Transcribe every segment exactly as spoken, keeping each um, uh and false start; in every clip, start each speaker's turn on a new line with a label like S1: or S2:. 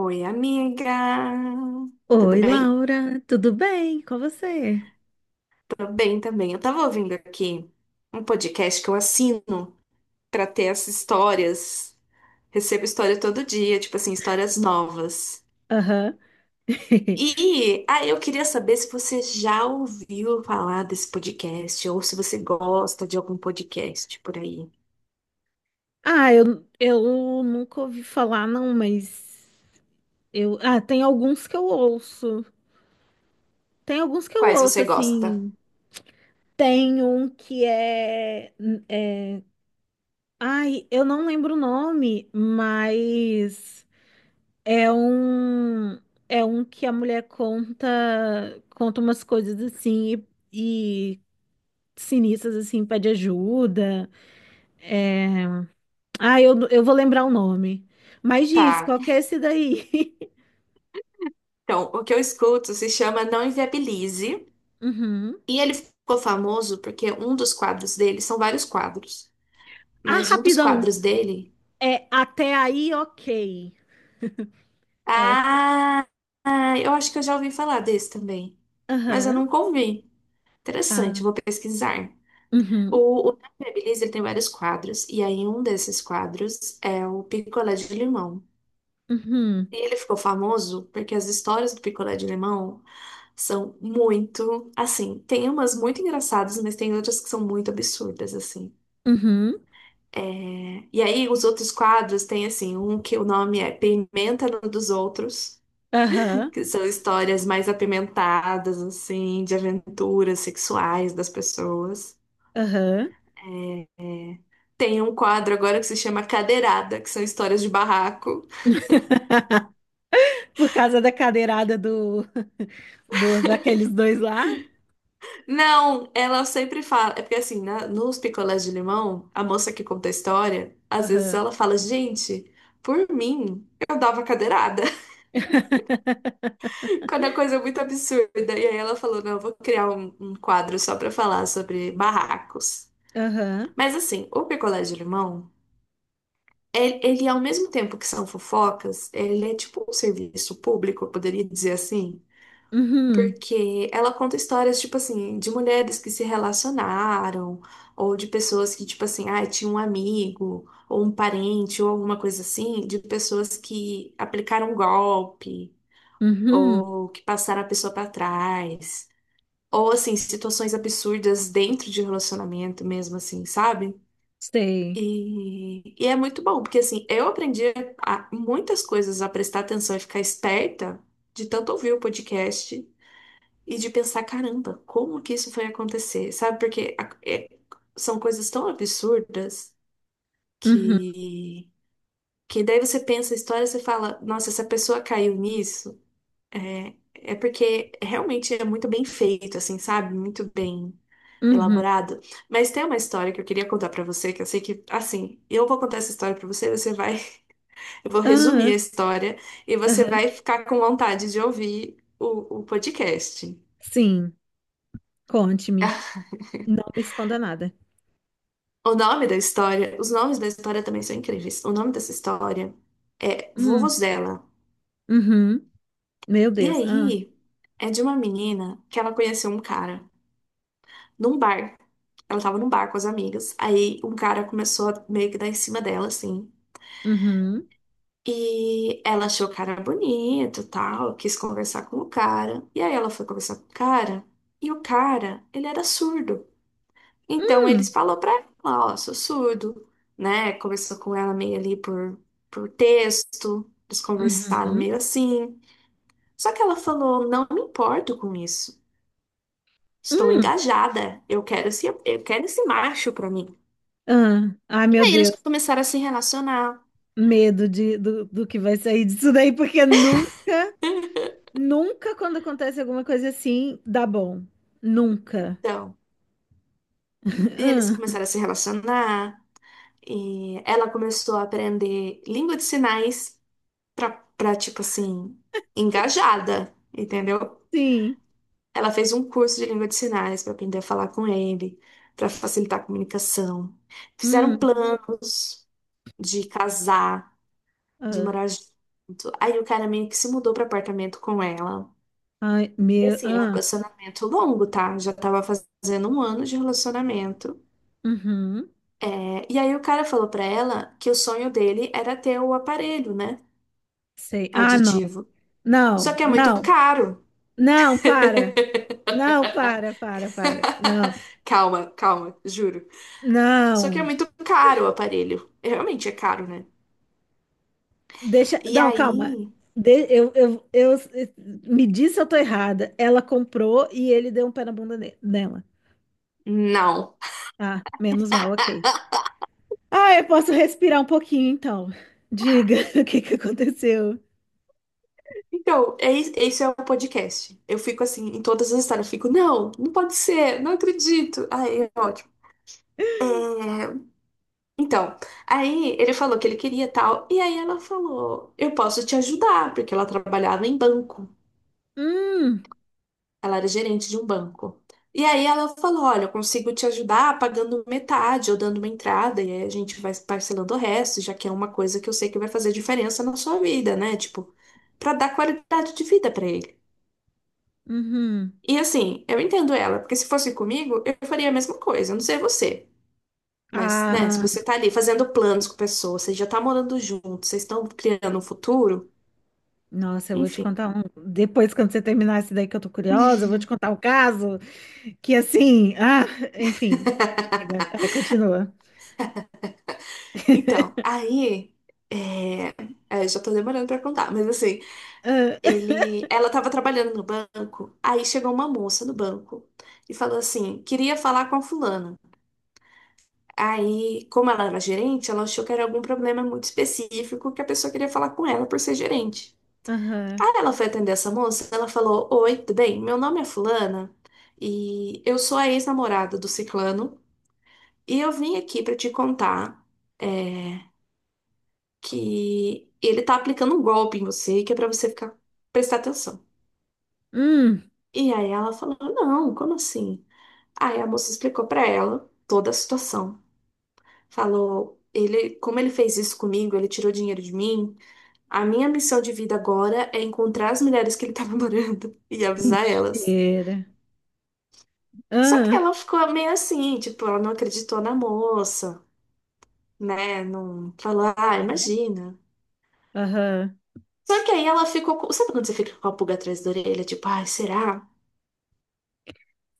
S1: Oi, amiga. Tudo
S2: Oi,
S1: bem?
S2: Laura, tudo bem com você?
S1: Tô bem também. Eu tava ouvindo aqui um podcast que eu assino pra ter essas histórias. Recebo história todo dia, tipo assim, histórias novas.
S2: Aham.
S1: E ah, eu queria saber se você já ouviu falar desse podcast ou se você gosta de algum podcast por aí.
S2: Ah, eu, eu nunca ouvi falar, não, mas eu. Ah, tem alguns que eu ouço. Tem alguns que eu
S1: Quais
S2: ouço,
S1: você gosta?
S2: assim. Tem um que é, é... Ai, eu não lembro o nome, mas é um. É um que a mulher conta, conta umas coisas assim e, e sinistras assim, pede ajuda. É. Ah, eu, eu vou lembrar o nome. Mas diz,
S1: Tá.
S2: qual que é esse daí?
S1: Então, o que eu escuto se chama Não Inviabilize.
S2: Uhum.
S1: E ele ficou famoso porque um dos quadros dele são vários quadros.
S2: Ah,
S1: Mas um dos
S2: rapidão.
S1: quadros dele.
S2: É até aí, ok. É, o-
S1: Ah, ah, eu acho que eu já ouvi falar desse também. Mas eu
S2: aham.
S1: nunca ouvi. Interessante, vou
S2: Ah,
S1: pesquisar.
S2: uhum,
S1: O, o Nadia Beleza, ele tem vários quadros, e aí um desses quadros é o picolé de limão.
S2: uhum,
S1: E ele ficou famoso porque as histórias do picolé de limão são muito, assim, tem umas muito engraçadas, mas tem outras que são muito absurdas, assim.
S2: uhum,
S1: É, e aí os outros quadros tem, assim, um que o nome é Pimenta no dos Outros,
S2: aham,
S1: que são histórias mais apimentadas, assim, de aventuras sexuais das pessoas.
S2: aham.
S1: É, é. Tem um quadro agora que se chama Cadeirada, que são histórias de barraco.
S2: Por causa da cadeirada do, do daqueles dois lá?
S1: Não, ela sempre fala. É porque, assim, na- nos picolés de limão, a moça que conta a história, às vezes
S2: Aham.
S1: ela fala: Gente, por mim, eu dava cadeirada. Quando a coisa é muito absurda. E aí ela falou: Não, eu vou criar um, um quadro só pra falar sobre barracos.
S2: Aham.
S1: Mas, assim, o picolé de limão. Ele, ele, ao mesmo tempo que são fofocas, ele é tipo um serviço público, eu poderia dizer assim,
S2: Uhum.
S1: porque ela conta histórias, tipo assim, de mulheres que se relacionaram, ou de pessoas que, tipo assim, ah, tinha um amigo, ou um parente, ou alguma coisa assim, de pessoas que aplicaram golpe,
S2: Uhum.
S1: ou que passaram a pessoa para trás, ou assim, situações absurdas dentro de relacionamento mesmo, assim, sabe?
S2: Sei.
S1: E, e é muito bom, porque assim, eu aprendi a- muitas coisas, a prestar atenção e ficar esperta de tanto ouvir o podcast e de pensar, caramba, como que isso foi acontecer? Sabe? Porque a- é- são coisas tão absurdas
S2: Uhum.
S1: que, que daí você pensa a história, você fala, nossa, essa pessoa caiu nisso, é porque realmente é muito bem feito, assim, sabe? Muito bem
S2: Uhum.
S1: elaborado. Mas tem uma história que eu queria contar pra você, que eu sei que, assim, eu vou contar essa história pra você, você vai. Eu vou resumir
S2: Aham.
S1: a história e você
S2: Aham.
S1: vai ficar com vontade de ouvir o, o podcast.
S2: Sim. Conte-me. Não me esconda nada.
S1: O nome da história, os nomes da história também são incríveis. O nome dessa história é
S2: Hum,
S1: Vuvuzela.
S2: uhum. Meu
S1: E
S2: Deus. Ah,
S1: aí, é de uma menina que ela conheceu um cara num bar. Ela tava num bar com as amigas. Aí um cara começou a meio que dar em cima dela, assim.
S2: uhum.
S1: E ela achou o cara bonito, tal, quis conversar com o cara. E aí ela foi conversar com o cara, e o cara, ele era surdo. Então eles
S2: Hum,
S1: falou pra ela, ó, sou surdo, né? Conversou com ela meio ali por, por texto, eles conversaram
S2: uhum.
S1: meio assim. Só que ela falou, não me importo com isso. Estou
S2: Hum.
S1: engajada. Eu quero esse, eu quero esse macho pra mim.
S2: Ah, ai,
S1: E
S2: meu
S1: aí eles
S2: Deus.
S1: começaram a se relacionar.
S2: Medo de, do, do que vai sair disso daí, porque nunca, nunca quando acontece alguma coisa assim, dá bom. Nunca.
S1: Então, e eles
S2: Ah,
S1: começaram a se relacionar, e ela começou a aprender língua de sinais pra, pra tipo assim, engajada, entendeu?
S2: sim.
S1: Ela fez um curso de língua de sinais para aprender a falar com ele, para facilitar a comunicação. Fizeram
S2: Hum,
S1: planos de casar, de
S2: ah,
S1: morar junto. Aí o cara meio que se mudou para apartamento com ela.
S2: ai,
S1: E
S2: meu.
S1: assim, é um
S2: Ah,
S1: relacionamento longo, tá? Já tava fazendo um ano de relacionamento.
S2: uhum.
S1: É, e aí o cara falou pra ela que o sonho dele era ter o aparelho, né?
S2: Sei. Ah, não.
S1: Auditivo. Só
S2: Não,
S1: que é muito
S2: não,
S1: caro.
S2: não, para. Não, para, para, para. Não,
S1: Calma, calma, juro. Só que é
S2: não.
S1: muito caro o aparelho. É, realmente é caro, né?
S2: Deixa.
S1: E
S2: Não, calma.
S1: aí.
S2: De- eu, eu, eu, me diz se eu tô errada. Ela comprou e ele deu um pé na bunda ne- nela.
S1: Não.
S2: Ah, menos mal, ok. Ah, eu posso respirar um pouquinho então. Diga o que que aconteceu.
S1: Então, é is- esse é o podcast. Eu fico assim, em todas as histórias, eu fico, não, não pode ser, não acredito. Aí é ótimo. É, então, aí ele falou que ele queria tal, e aí ela falou, eu posso te ajudar, porque ela trabalhava em banco.
S2: Hum,
S1: Ela era gerente de um banco. E aí ela falou: Olha, eu consigo te ajudar pagando metade ou dando uma entrada, e aí a gente vai parcelando o resto, já que é uma coisa que eu sei que vai fazer diferença na sua vida, né? Tipo, pra dar qualidade de vida pra ele.
S2: uhum.
S1: E assim, eu entendo ela, porque se fosse comigo, eu faria a mesma coisa, eu não sei você. Mas, né, se
S2: Ah,
S1: você tá ali fazendo planos com pessoas, você já tá morando junto, vocês estão criando um futuro,
S2: nossa, eu vou te
S1: enfim.
S2: contar um. Depois, quando você terminar esse daí que eu tô curiosa, eu vou te contar um caso que assim, ah, enfim. Chega. Vai, continua.
S1: Então, aí. É... é, eu já tô demorando pra contar, mas assim.
S2: Ah,
S1: Ele, ela estava trabalhando no banco, aí chegou uma moça no banco e falou assim: queria falar com a fulana. Aí, como ela era gerente, ela achou que era algum problema muito específico que a pessoa queria falar com ela por ser gerente.
S2: Aham.
S1: Aí ela foi atender essa moça, ela falou: Oi, tudo bem? Meu nome é fulana e eu sou a ex-namorada do ciclano e eu vim aqui para te contar é, que ele tá aplicando um golpe em você, que é para você ficar, prestar atenção.
S2: Hum,
S1: E aí ela falou: Não, como assim? Aí a moça explicou pra ela toda a situação. Falou, ele, como ele fez isso comigo, ele tirou dinheiro de mim. A minha missão de vida agora é encontrar as mulheres que ele tava morando e avisar elas.
S2: mentira.
S1: Só que
S2: Ah.
S1: ela ficou meio assim, tipo, ela não acreditou na moça, né? Não falou, ah, imagina.
S2: Aham.
S1: Só que aí ela ficou, com- sabe quando você fica com a pulga atrás da orelha, tipo, ai, será?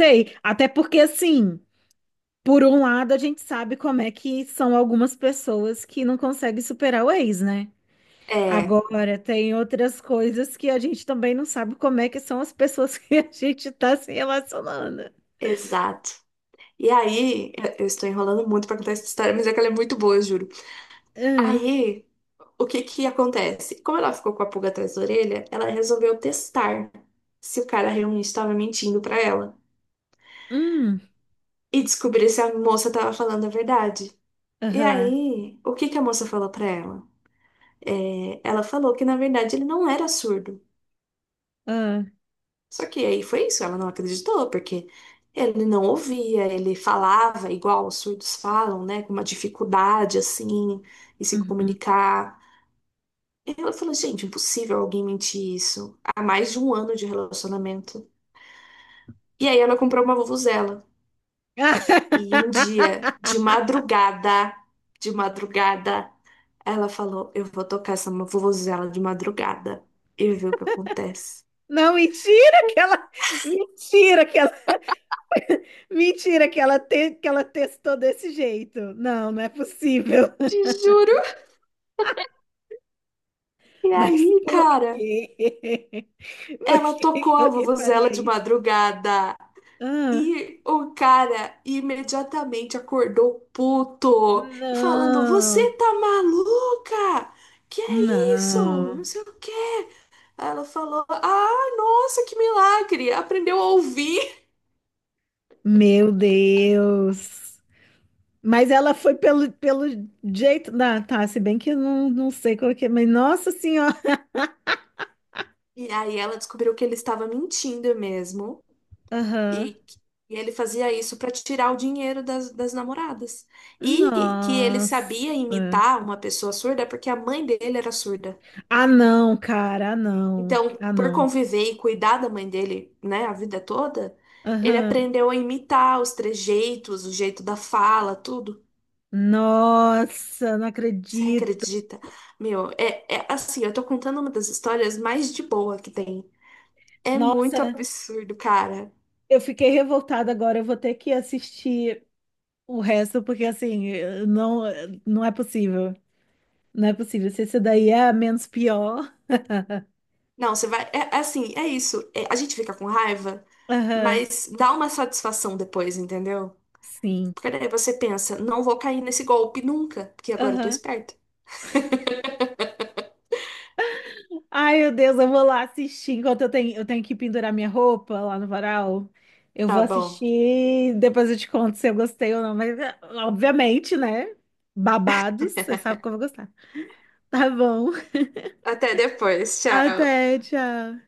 S2: Sei. Até porque, assim, por um lado, a gente sabe como é que são algumas pessoas que não conseguem superar o ex, né?
S1: É,
S2: Agora, tem outras coisas que a gente também não sabe como é que são as pessoas que a gente tá se relacionando.
S1: exato. E aí, eu eu estou enrolando muito pra contar essa história, mas é que ela é muito boa, juro.
S2: Hum,
S1: Aí, o que que acontece? Como ela ficou com a pulga atrás da orelha, ela resolveu testar se o cara realmente estava mentindo pra ela
S2: hum,
S1: e descobrir se a moça estava falando a verdade. E
S2: aham,
S1: aí, o que que a moça falou pra ela? É, ela falou que na verdade ele não era surdo.
S2: ah,
S1: Só que aí foi isso, ela não acreditou, porque ele não ouvia, ele falava igual os surdos falam, né, com uma dificuldade assim, em se
S2: uhum.
S1: comunicar. Ela falou, gente, impossível alguém mentir isso. Há mais de um ano de relacionamento. E aí ela comprou uma vuvuzela.
S2: Ah,
S1: E um dia, de madrugada, de madrugada, ela falou, eu vou tocar essa vuvuzela de madrugada e ver o que acontece.
S2: não, mentira que ela, mentira que ela, mentira que ela, te, que ela testou desse jeito. Não, não é possível.
S1: Te juro. E
S2: Mas
S1: aí,
S2: por
S1: cara,
S2: quê? Por
S1: ela
S2: que
S1: tocou
S2: que
S1: a
S2: alguém
S1: vuvuzela
S2: faria
S1: de
S2: isso?
S1: madrugada.
S2: Ah,
S1: E o cara imediatamente acordou puto, falando: Você
S2: não,
S1: tá maluca? Que é isso?
S2: não.
S1: Não sei o quê. Aí ela falou: Ah, nossa, que milagre! Aprendeu a ouvir.
S2: Meu Deus. Mas ela foi pelo, pelo jeito. Ah, tá, se bem que eu não, não sei qual que é, mas nossa senhora.
S1: E aí ela descobriu que ele estava mentindo mesmo.
S2: Aham.
S1: E, e ele fazia isso para tirar o dinheiro das, das namoradas. E que ele
S2: Nossa.
S1: sabia imitar uma pessoa surda porque a mãe dele era surda.
S2: Ah, não, cara. Ah, não.
S1: Então,
S2: Ah,
S1: por
S2: não.
S1: conviver e cuidar da mãe dele, né, a vida toda, ele
S2: Aham.
S1: aprendeu a imitar os trejeitos, o jeito da fala, tudo.
S2: Nossa, não
S1: Você
S2: acredito.
S1: acredita? Meu, é, é assim, eu tô contando uma das histórias mais de boa que tem. É muito
S2: Nossa,
S1: absurdo, cara.
S2: eu fiquei revoltada agora. Eu vou ter que assistir. O resto, porque assim, não, não é possível. Não é possível. Se esse daí é a menos pior.
S1: Não, você vai. É, é assim, é isso. É, a gente fica com raiva,
S2: Aham,
S1: mas dá uma satisfação depois, entendeu?
S2: sim.
S1: Porque daí você pensa, não vou cair nesse golpe nunca, porque agora eu tô
S2: Aham.
S1: esperto.
S2: Ai, meu Deus, eu vou lá assistir. Enquanto eu tenho, eu tenho que pendurar minha roupa lá no varal, eu vou
S1: Tá bom.
S2: assistir. Depois eu te conto se eu gostei ou não. Mas, é, obviamente, né? Babados, você sabe que eu vou gostar. Tá bom.
S1: Até depois. Tchau.
S2: Até, tchau.